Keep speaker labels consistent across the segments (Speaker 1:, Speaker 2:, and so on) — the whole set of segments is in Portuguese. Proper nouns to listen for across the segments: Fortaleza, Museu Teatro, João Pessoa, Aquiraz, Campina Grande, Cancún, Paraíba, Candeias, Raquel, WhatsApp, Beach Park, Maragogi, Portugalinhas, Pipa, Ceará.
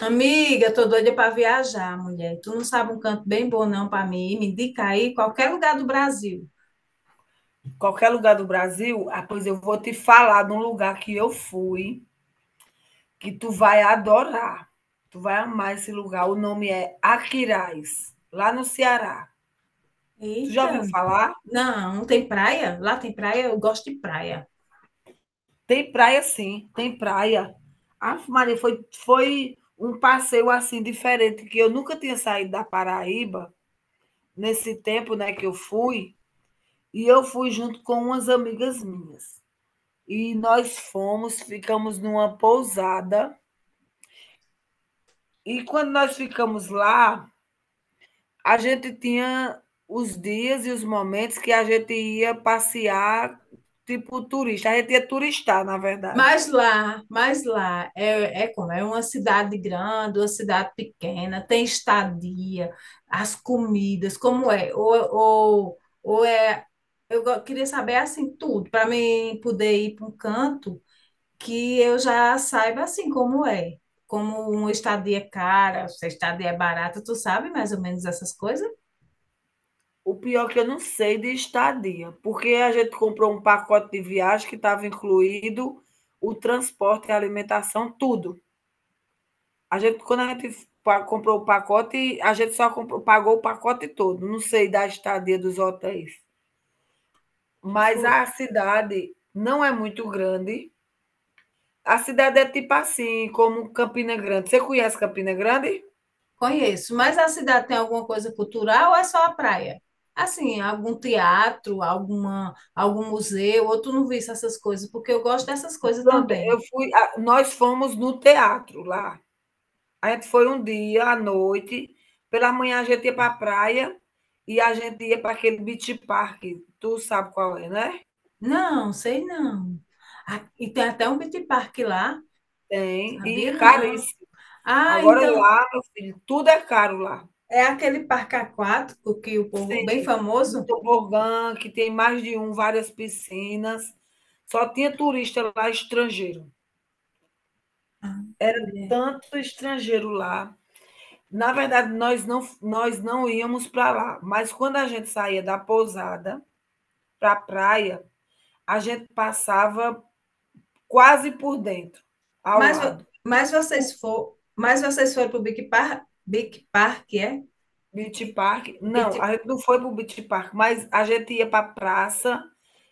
Speaker 1: Amiga, tô doida para viajar, mulher. Tu não sabe um canto bem bom não para mim? Me indica aí qualquer lugar do Brasil.
Speaker 2: Qualquer lugar do Brasil, ah, pois eu vou te falar de um lugar que eu fui, que tu vai adorar. Tu vai amar esse lugar. O nome é Aquiraz, lá no Ceará. Tu já ouviu
Speaker 1: Eita,
Speaker 2: falar?
Speaker 1: não, não tem praia? Lá tem praia, eu gosto de praia.
Speaker 2: Tem praia sim, tem praia. Ah, Maria, foi um passeio assim diferente, que eu nunca tinha saído da Paraíba nesse tempo né, que eu fui, e eu fui junto com umas amigas minhas. E nós fomos, ficamos numa pousada. E quando nós ficamos lá, a gente tinha os dias e os momentos que a gente ia passear, tipo turista. A gente ia turistar, na verdade.
Speaker 1: Mas lá é como é, uma cidade grande, uma cidade pequena, tem estadia, as comidas, como é? Queria saber assim tudo para mim poder ir para um canto que eu já saiba assim como é. Como, uma estadia é cara, se a estadia é barata, tu sabe mais ou menos essas coisas?
Speaker 2: O pior é que eu não sei de estadia, porque a gente comprou um pacote de viagem que estava incluído o transporte, a alimentação, tudo. A gente, quando a gente comprou o pacote, a gente só pagou o pacote todo. Não sei da estadia dos hotéis. Mas
Speaker 1: Fu-
Speaker 2: a cidade não é muito grande. A cidade é tipo assim, como Campina Grande. Você conhece Campina Grande?
Speaker 1: Conheço, mas a cidade tem alguma coisa cultural ou é só a praia? Assim, algum teatro, algum museu, ou tu não viste essas coisas? Porque eu gosto dessas coisas
Speaker 2: Pronto,
Speaker 1: também.
Speaker 2: eu fui a nós fomos no teatro lá. A gente foi um dia à noite, pela manhã a gente ia para a praia e a gente ia para aquele beach park, tu sabe qual é, né?
Speaker 1: Não, sei não. Ah, e tem até um beach park lá,
Speaker 2: Tem, e
Speaker 1: sabia não.
Speaker 2: caríssimo.
Speaker 1: Ah,
Speaker 2: Agora
Speaker 1: então
Speaker 2: lá, meu filho, tudo é caro lá.
Speaker 1: é aquele parque aquático que o povo
Speaker 2: Sim,
Speaker 1: bem
Speaker 2: no
Speaker 1: famoso.
Speaker 2: tobogã, que tem mais de um, várias piscinas. Só tinha turista lá, estrangeiro.
Speaker 1: Mulher.
Speaker 2: Tanto estrangeiro lá. Na verdade, nós não íamos para lá, mas quando a gente saía da pousada para a praia, a gente passava quase por dentro, ao
Speaker 1: Mas,
Speaker 2: lado. Por
Speaker 1: mas vocês foram pro Big Park, Big Park é?
Speaker 2: Beach Park, não,
Speaker 1: Beach,
Speaker 2: a gente não foi para o Beach Park, mas a gente ia para a praça,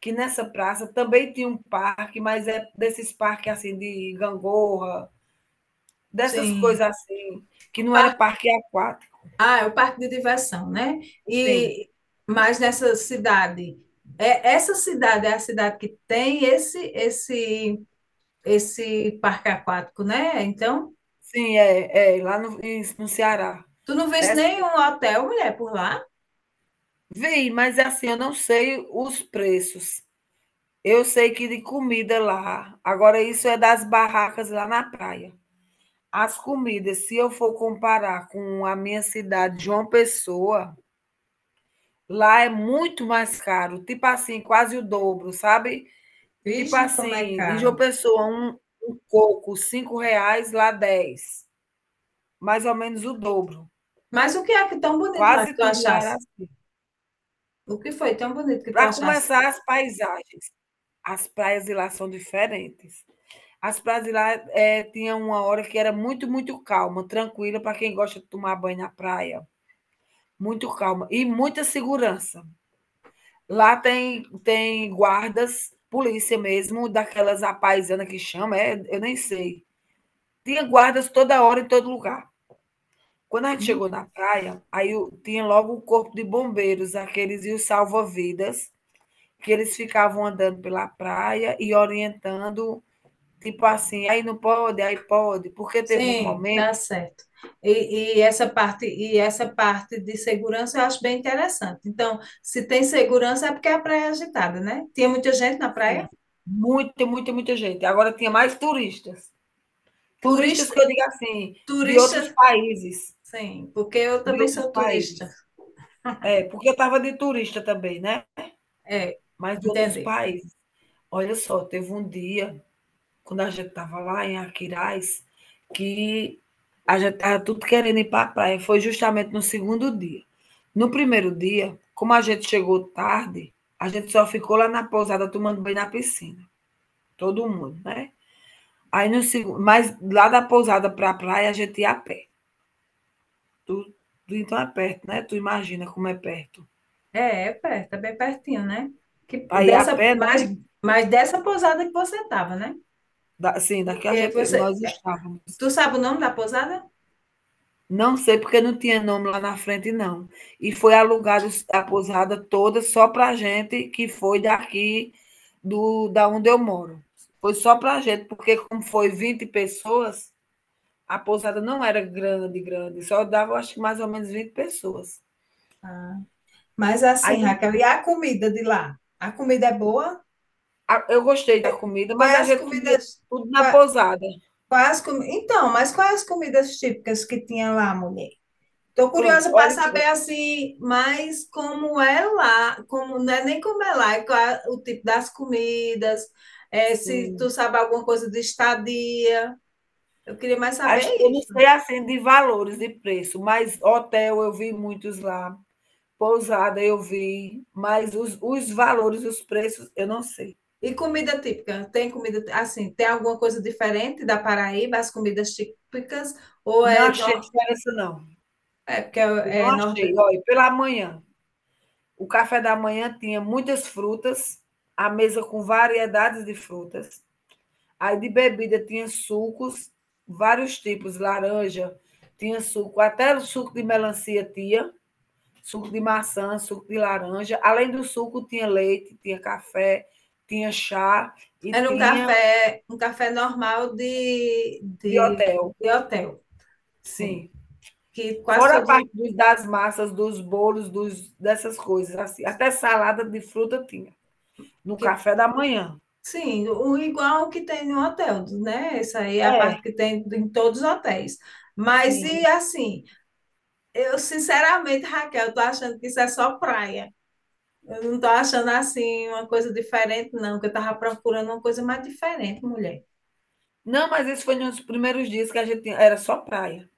Speaker 2: que nessa praça também tinha um parque, mas é desses parques assim de gangorra, dessas coisas
Speaker 1: sim.
Speaker 2: assim, que
Speaker 1: O
Speaker 2: não era
Speaker 1: parque,
Speaker 2: parque aquático.
Speaker 1: ah, é o parque de diversão, né?
Speaker 2: Sim,
Speaker 1: E mas nessa cidade, é, essa cidade é a cidade que tem esse esse parque aquático, né? Então
Speaker 2: sim, é lá no, no Ceará.
Speaker 1: tu não
Speaker 2: É.
Speaker 1: viste nenhum hotel, mulher, por lá?
Speaker 2: Vem, mas é assim, eu não sei os preços. Eu sei que de comida lá. Agora, isso é das barracas lá na praia. As comidas, se eu for comparar com a minha cidade, João Pessoa, lá é muito mais caro, tipo assim, quase o dobro, sabe? Tipo
Speaker 1: Vige
Speaker 2: assim,
Speaker 1: como é
Speaker 2: em João
Speaker 1: caro.
Speaker 2: Pessoa, um coco, 5 reais, lá 10. Mais ou menos o dobro.
Speaker 1: Mas o que é que tão bonito lá que
Speaker 2: Quase
Speaker 1: tu
Speaker 2: tudo lá era
Speaker 1: achasse?
Speaker 2: assim.
Speaker 1: O que foi tão bonito que tu
Speaker 2: Para
Speaker 1: achasse?
Speaker 2: começar, as paisagens. As praias de lá são diferentes. As praias de lá, tinha uma hora que era muito, muito calma, tranquila para quem gosta de tomar banho na praia, muito calma e muita segurança. Lá tem guardas, polícia mesmo, daquelas à que chama, é, eu nem sei. Tinha guardas toda hora em todo lugar. Quando a gente
Speaker 1: Hum?
Speaker 2: chegou na praia, aí o tinha logo o corpo de bombeiros, aqueles e os salva-vidas, que eles ficavam andando pela praia e orientando, tipo assim: "Aí não pode, aí pode", porque teve um
Speaker 1: Sim,
Speaker 2: momento.
Speaker 1: tá certo. E, e essa parte de segurança eu acho bem interessante. Então, se tem segurança é porque a praia é agitada, né? Tinha muita gente na
Speaker 2: Sim.
Speaker 1: praia?
Speaker 2: Muita, muita, muita gente. Agora tinha mais turistas. Turistas
Speaker 1: Turista,
Speaker 2: que eu digo assim, de outros
Speaker 1: turista,
Speaker 2: países,
Speaker 1: sim, porque eu
Speaker 2: de
Speaker 1: também
Speaker 2: outros
Speaker 1: sou turista.
Speaker 2: países. É, porque eu estava de turista também, né,
Speaker 1: É,
Speaker 2: mas de outros
Speaker 1: entendi.
Speaker 2: países. Olha só, teve um dia, quando a gente estava lá em Aquiraz, que a gente estava tudo querendo ir para a praia, foi justamente no segundo dia. No primeiro dia, como a gente chegou tarde, a gente só ficou lá na pousada tomando banho na piscina, todo mundo, né. Aí no segundo, mas lá da pousada para a praia a gente ia a pé. Tu, tu então é perto, né? Tu imagina como é perto.
Speaker 1: É, é perto, é bem pertinho, né? Que,
Speaker 2: Para ir a
Speaker 1: dessa,
Speaker 2: pé, né?
Speaker 1: mais, mais dessa pousada que você estava, né?
Speaker 2: Da, assim, daqui a
Speaker 1: Porque
Speaker 2: gente
Speaker 1: você.
Speaker 2: nós estávamos.
Speaker 1: Tu sabe o nome da pousada?
Speaker 2: Não sei porque não tinha nome lá na frente não. E foi alugado a pousada toda só para gente que foi daqui do da onde eu moro. Foi só para gente, porque como foi 20 pessoas, a pousada não era grande, grande, só dava acho que mais ou menos 20 pessoas.
Speaker 1: Mas assim, Raquel, e a comida de lá? A comida é boa?
Speaker 2: Ah, eu gostei da comida, mas
Speaker 1: Quais
Speaker 2: a
Speaker 1: as
Speaker 2: gente comia
Speaker 1: comidas?
Speaker 2: tudo na pousada.
Speaker 1: Então, mas quais as comidas típicas que tinha lá, mulher? Estou
Speaker 2: Pronto,
Speaker 1: curiosa para
Speaker 2: olha só.
Speaker 1: saber assim, mas como é lá, como não é nem como é lá, é qual é o tipo das comidas, é, se tu
Speaker 2: Sim.
Speaker 1: sabe alguma coisa de estadia. Eu queria mais
Speaker 2: As
Speaker 1: saber
Speaker 2: Eu não
Speaker 1: isso.
Speaker 2: sei, assim, de valores e preço, mas hotel eu vi muitos lá, pousada eu vi, mas os valores, os preços, eu não sei.
Speaker 1: E comida típica? Tem comida assim, tem alguma coisa diferente da Paraíba, as comidas típicas, ou
Speaker 2: Não
Speaker 1: é,
Speaker 2: achei diferença não,
Speaker 1: é porque
Speaker 2: eu
Speaker 1: é,
Speaker 2: não
Speaker 1: é
Speaker 2: achei. Olha, pela manhã, o café da manhã tinha muitas frutas, a mesa com variedades de frutas. Aí de bebida tinha sucos, vários tipos, laranja, tinha suco, até o suco de melancia tinha, suco de maçã, suco de laranja. Além do suco, tinha leite, tinha café, tinha chá e
Speaker 1: era
Speaker 2: tinha
Speaker 1: um café normal
Speaker 2: de hotel.
Speaker 1: de hotel, sim.
Speaker 2: Sim.
Speaker 1: Que quase
Speaker 2: Fora a
Speaker 1: todos,
Speaker 2: parte das massas, dos bolos, dos, dessas coisas, assim. Até salada de fruta tinha, no
Speaker 1: que
Speaker 2: café da manhã.
Speaker 1: sim, o igual que tem no hotel, né? Essa aí é a
Speaker 2: É,
Speaker 1: parte que tem em todos os hotéis. Mas
Speaker 2: sim.
Speaker 1: e assim, eu sinceramente, Raquel, tô achando que isso é só praia. Eu não tô achando assim uma coisa diferente, não, que eu tava procurando uma coisa mais diferente, mulher.
Speaker 2: Não, mas isso foi nos primeiros dias que era só praia.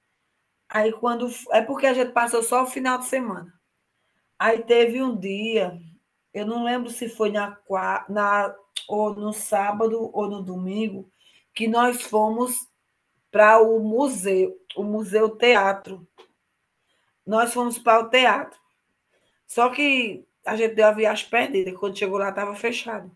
Speaker 2: Aí quando. É porque a gente passou só o final de semana. Aí teve um dia, eu não lembro se foi na, qua- na ou no sábado ou no domingo, que nós fomos para o Museu Teatro. Nós fomos para o teatro. Só que a gente deu a viagem perdida. Quando chegou lá, estava fechado.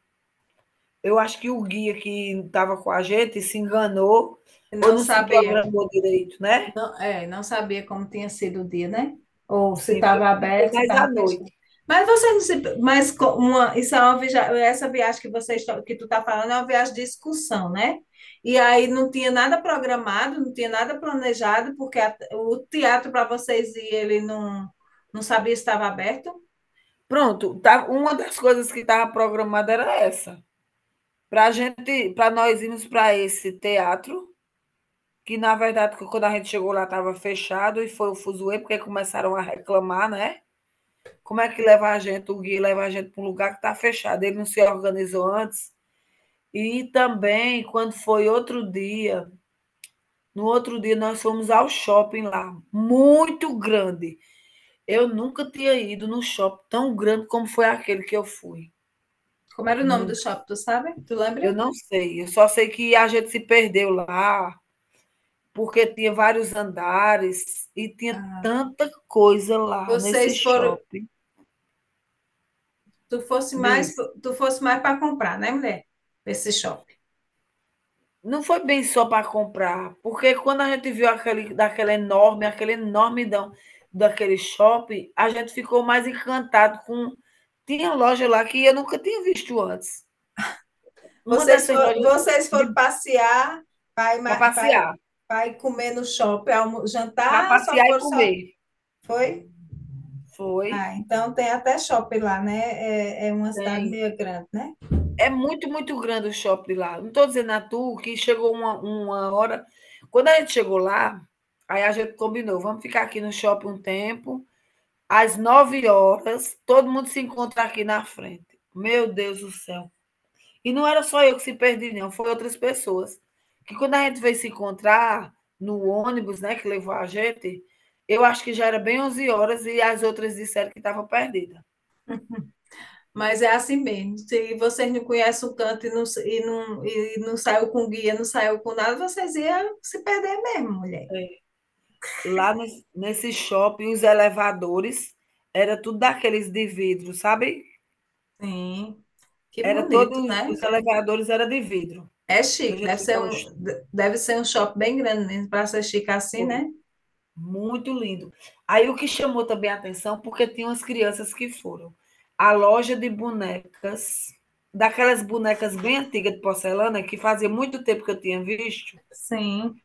Speaker 2: Eu acho que o guia que estava com a gente se enganou
Speaker 1: Eu
Speaker 2: ou
Speaker 1: não
Speaker 2: não se
Speaker 1: sabia.
Speaker 2: programou direito, né?
Speaker 1: Não, é, não sabia como tinha sido o dia, né? Ou se
Speaker 2: Sim,
Speaker 1: estava
Speaker 2: foi
Speaker 1: aberto, se
Speaker 2: mais à
Speaker 1: estava fechado.
Speaker 2: noite.
Speaker 1: Mas você não se, uma, isso é uma viagem, essa viagem que você que tu está falando é uma viagem de excursão, né? E aí não tinha nada programado, não tinha nada planejado, porque o teatro para vocês e ele não não sabia se estava aberto.
Speaker 2: Pronto, tá, uma das coisas que estava programada era essa. Para gente, para nós irmos para esse teatro, que na verdade, quando a gente chegou lá, estava fechado e foi o fuzuê, porque começaram a reclamar, né? Como é que leva a gente, o Gui leva a gente para um lugar que está fechado, ele não se organizou antes. E também, quando foi outro dia, no outro dia nós fomos ao shopping lá, muito grande. Eu nunca tinha ido num shopping tão grande como foi aquele que eu fui.
Speaker 1: Como era o nome do
Speaker 2: Nunca.
Speaker 1: shopping, tu sabe? Tu lembra?
Speaker 2: Eu não sei, eu só sei que a gente se perdeu lá, porque tinha vários andares e tinha
Speaker 1: Ah,
Speaker 2: tanta coisa lá nesse
Speaker 1: vocês foram,
Speaker 2: shopping.
Speaker 1: tu fosse mais,
Speaker 2: Diz.
Speaker 1: tu fosse mais para comprar, né, mulher? Esse shopping.
Speaker 2: Não foi bem só para comprar, porque quando a gente viu aquele daquela enorme aquele enormidão daquele shopping, a gente ficou mais encantado com tinha loja lá que eu nunca tinha visto antes. Uma dessas lojas
Speaker 1: Vocês foram passear,
Speaker 2: para
Speaker 1: pai,
Speaker 2: passear,
Speaker 1: pai comer no shopping,
Speaker 2: para
Speaker 1: jantar, só
Speaker 2: passear e
Speaker 1: foram só.
Speaker 2: comer.
Speaker 1: Foi?
Speaker 2: Foi,
Speaker 1: Ah, então tem até shopping lá, né? É, é uma cidade
Speaker 2: tem.
Speaker 1: meio grande, né?
Speaker 2: É muito, muito grande o shopping lá. Não estou dizendo a tu que chegou uma hora. Quando a gente chegou lá, aí a gente combinou, vamos ficar aqui no shopping um tempo. Às 9 horas, todo mundo se encontra aqui na frente. Meu Deus do céu. E não era só eu que se perdi, não, foi outras pessoas. Que quando a gente veio se encontrar no ônibus, né, que levou a gente, eu acho que já era bem 11 horas e as outras disseram que estava perdida.
Speaker 1: Mas é assim mesmo. Se vocês não conhecem o canto e e não saiu com guia, não saiu com nada, vocês iam se perder mesmo, mulher.
Speaker 2: Lá nos Nesse shopping, os elevadores era tudo daqueles de vidro, sabe?
Speaker 1: Sim, que
Speaker 2: Era
Speaker 1: bonito,
Speaker 2: todos os
Speaker 1: né?
Speaker 2: elevadores era de vidro,
Speaker 1: É
Speaker 2: que a
Speaker 1: chique,
Speaker 2: gente ficava,
Speaker 1: deve ser um shopping bem grande mesmo, para ser chique assim,
Speaker 2: foi
Speaker 1: né?
Speaker 2: muito lindo. Aí o que chamou também a atenção, porque tinha umas crianças que foram, a loja de bonecas, daquelas bonecas bem antigas de porcelana, que fazia muito tempo que eu tinha visto.
Speaker 1: Sim.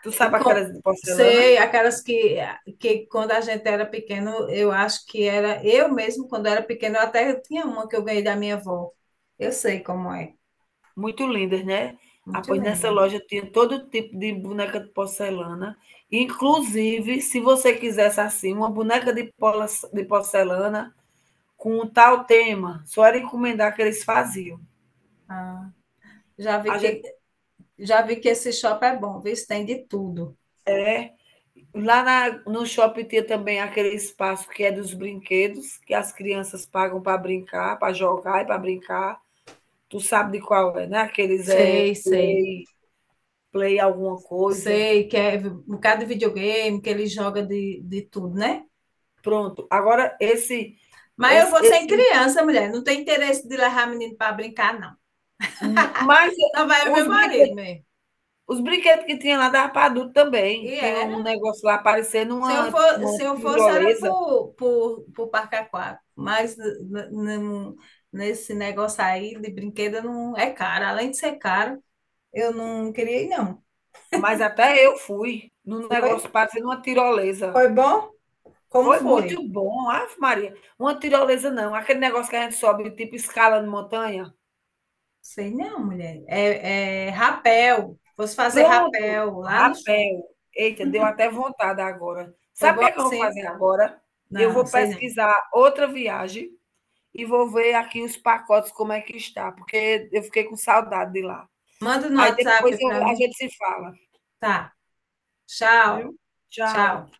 Speaker 2: Tu
Speaker 1: E
Speaker 2: sabe
Speaker 1: com,
Speaker 2: aquelas de porcelana?
Speaker 1: sei, aquelas que quando a gente era pequeno, eu acho que era. Eu mesmo, quando era pequeno, eu até tinha uma que eu ganhei da minha avó. Eu sei como é.
Speaker 2: Muito lindas, né? Ah,
Speaker 1: Muito
Speaker 2: pois nessa
Speaker 1: linda.
Speaker 2: loja tinha todo tipo de boneca de porcelana. Inclusive, se você quisesse assim, uma boneca de porcelana com um tal tema, só era encomendar que eles faziam.
Speaker 1: Ah, já vi
Speaker 2: A
Speaker 1: que,
Speaker 2: gente,
Speaker 1: já vi que esse shopping é bom, viu? Tem de tudo.
Speaker 2: lá no shopping tinha também aquele espaço que é dos brinquedos, que as crianças pagam para brincar, para jogar e para brincar. Tu sabe de qual é, né? Aqueles é
Speaker 1: Sei, sei.
Speaker 2: play, play alguma coisa.
Speaker 1: Sei que é um bocado de videogame, que ele joga de tudo, né?
Speaker 2: Pronto. Agora, esse,
Speaker 1: Mas eu
Speaker 2: esse,
Speaker 1: vou sem
Speaker 2: esse
Speaker 1: criança, mulher. Não tem interesse de levar menino para brincar, não.
Speaker 2: mas
Speaker 1: Só vai o meu
Speaker 2: os
Speaker 1: marido
Speaker 2: brinquedos,
Speaker 1: mesmo.
Speaker 2: que tinha lá dava para adulto
Speaker 1: E
Speaker 2: também. Tinha
Speaker 1: era.
Speaker 2: um negócio lá parecendo
Speaker 1: Se eu for,
Speaker 2: uma
Speaker 1: se eu fosse, era
Speaker 2: tirolesa,
Speaker 1: por Parque Aquático, mas n- nesse negócio aí de brinquedo não é caro. Além de ser caro, eu não queria ir, não.
Speaker 2: mas até eu fui num
Speaker 1: Foi?
Speaker 2: negócio parecendo uma tirolesa.
Speaker 1: Foi bom? Como
Speaker 2: Foi
Speaker 1: foi?
Speaker 2: muito bom, Ave Maria. Uma tirolesa não, aquele negócio que a gente sobe, tipo escala de montanha.
Speaker 1: Sei não, mulher. É, é rapel. Fosse fazer
Speaker 2: Pronto,
Speaker 1: rapel lá no shopping.
Speaker 2: rapel. Eita, deu até vontade agora.
Speaker 1: Foi
Speaker 2: Sabe o que
Speaker 1: bom
Speaker 2: é que eu vou
Speaker 1: assim?
Speaker 2: fazer agora? Eu
Speaker 1: Não,
Speaker 2: vou
Speaker 1: sei não.
Speaker 2: pesquisar outra viagem e vou ver aqui os pacotes como é que está, porque eu fiquei com saudade de lá.
Speaker 1: Manda no
Speaker 2: Aí depois
Speaker 1: WhatsApp
Speaker 2: eu
Speaker 1: para
Speaker 2: a
Speaker 1: mim.
Speaker 2: gente se fala,
Speaker 1: Tá.
Speaker 2: viu?
Speaker 1: Tchau.
Speaker 2: Tchau.
Speaker 1: Tchau.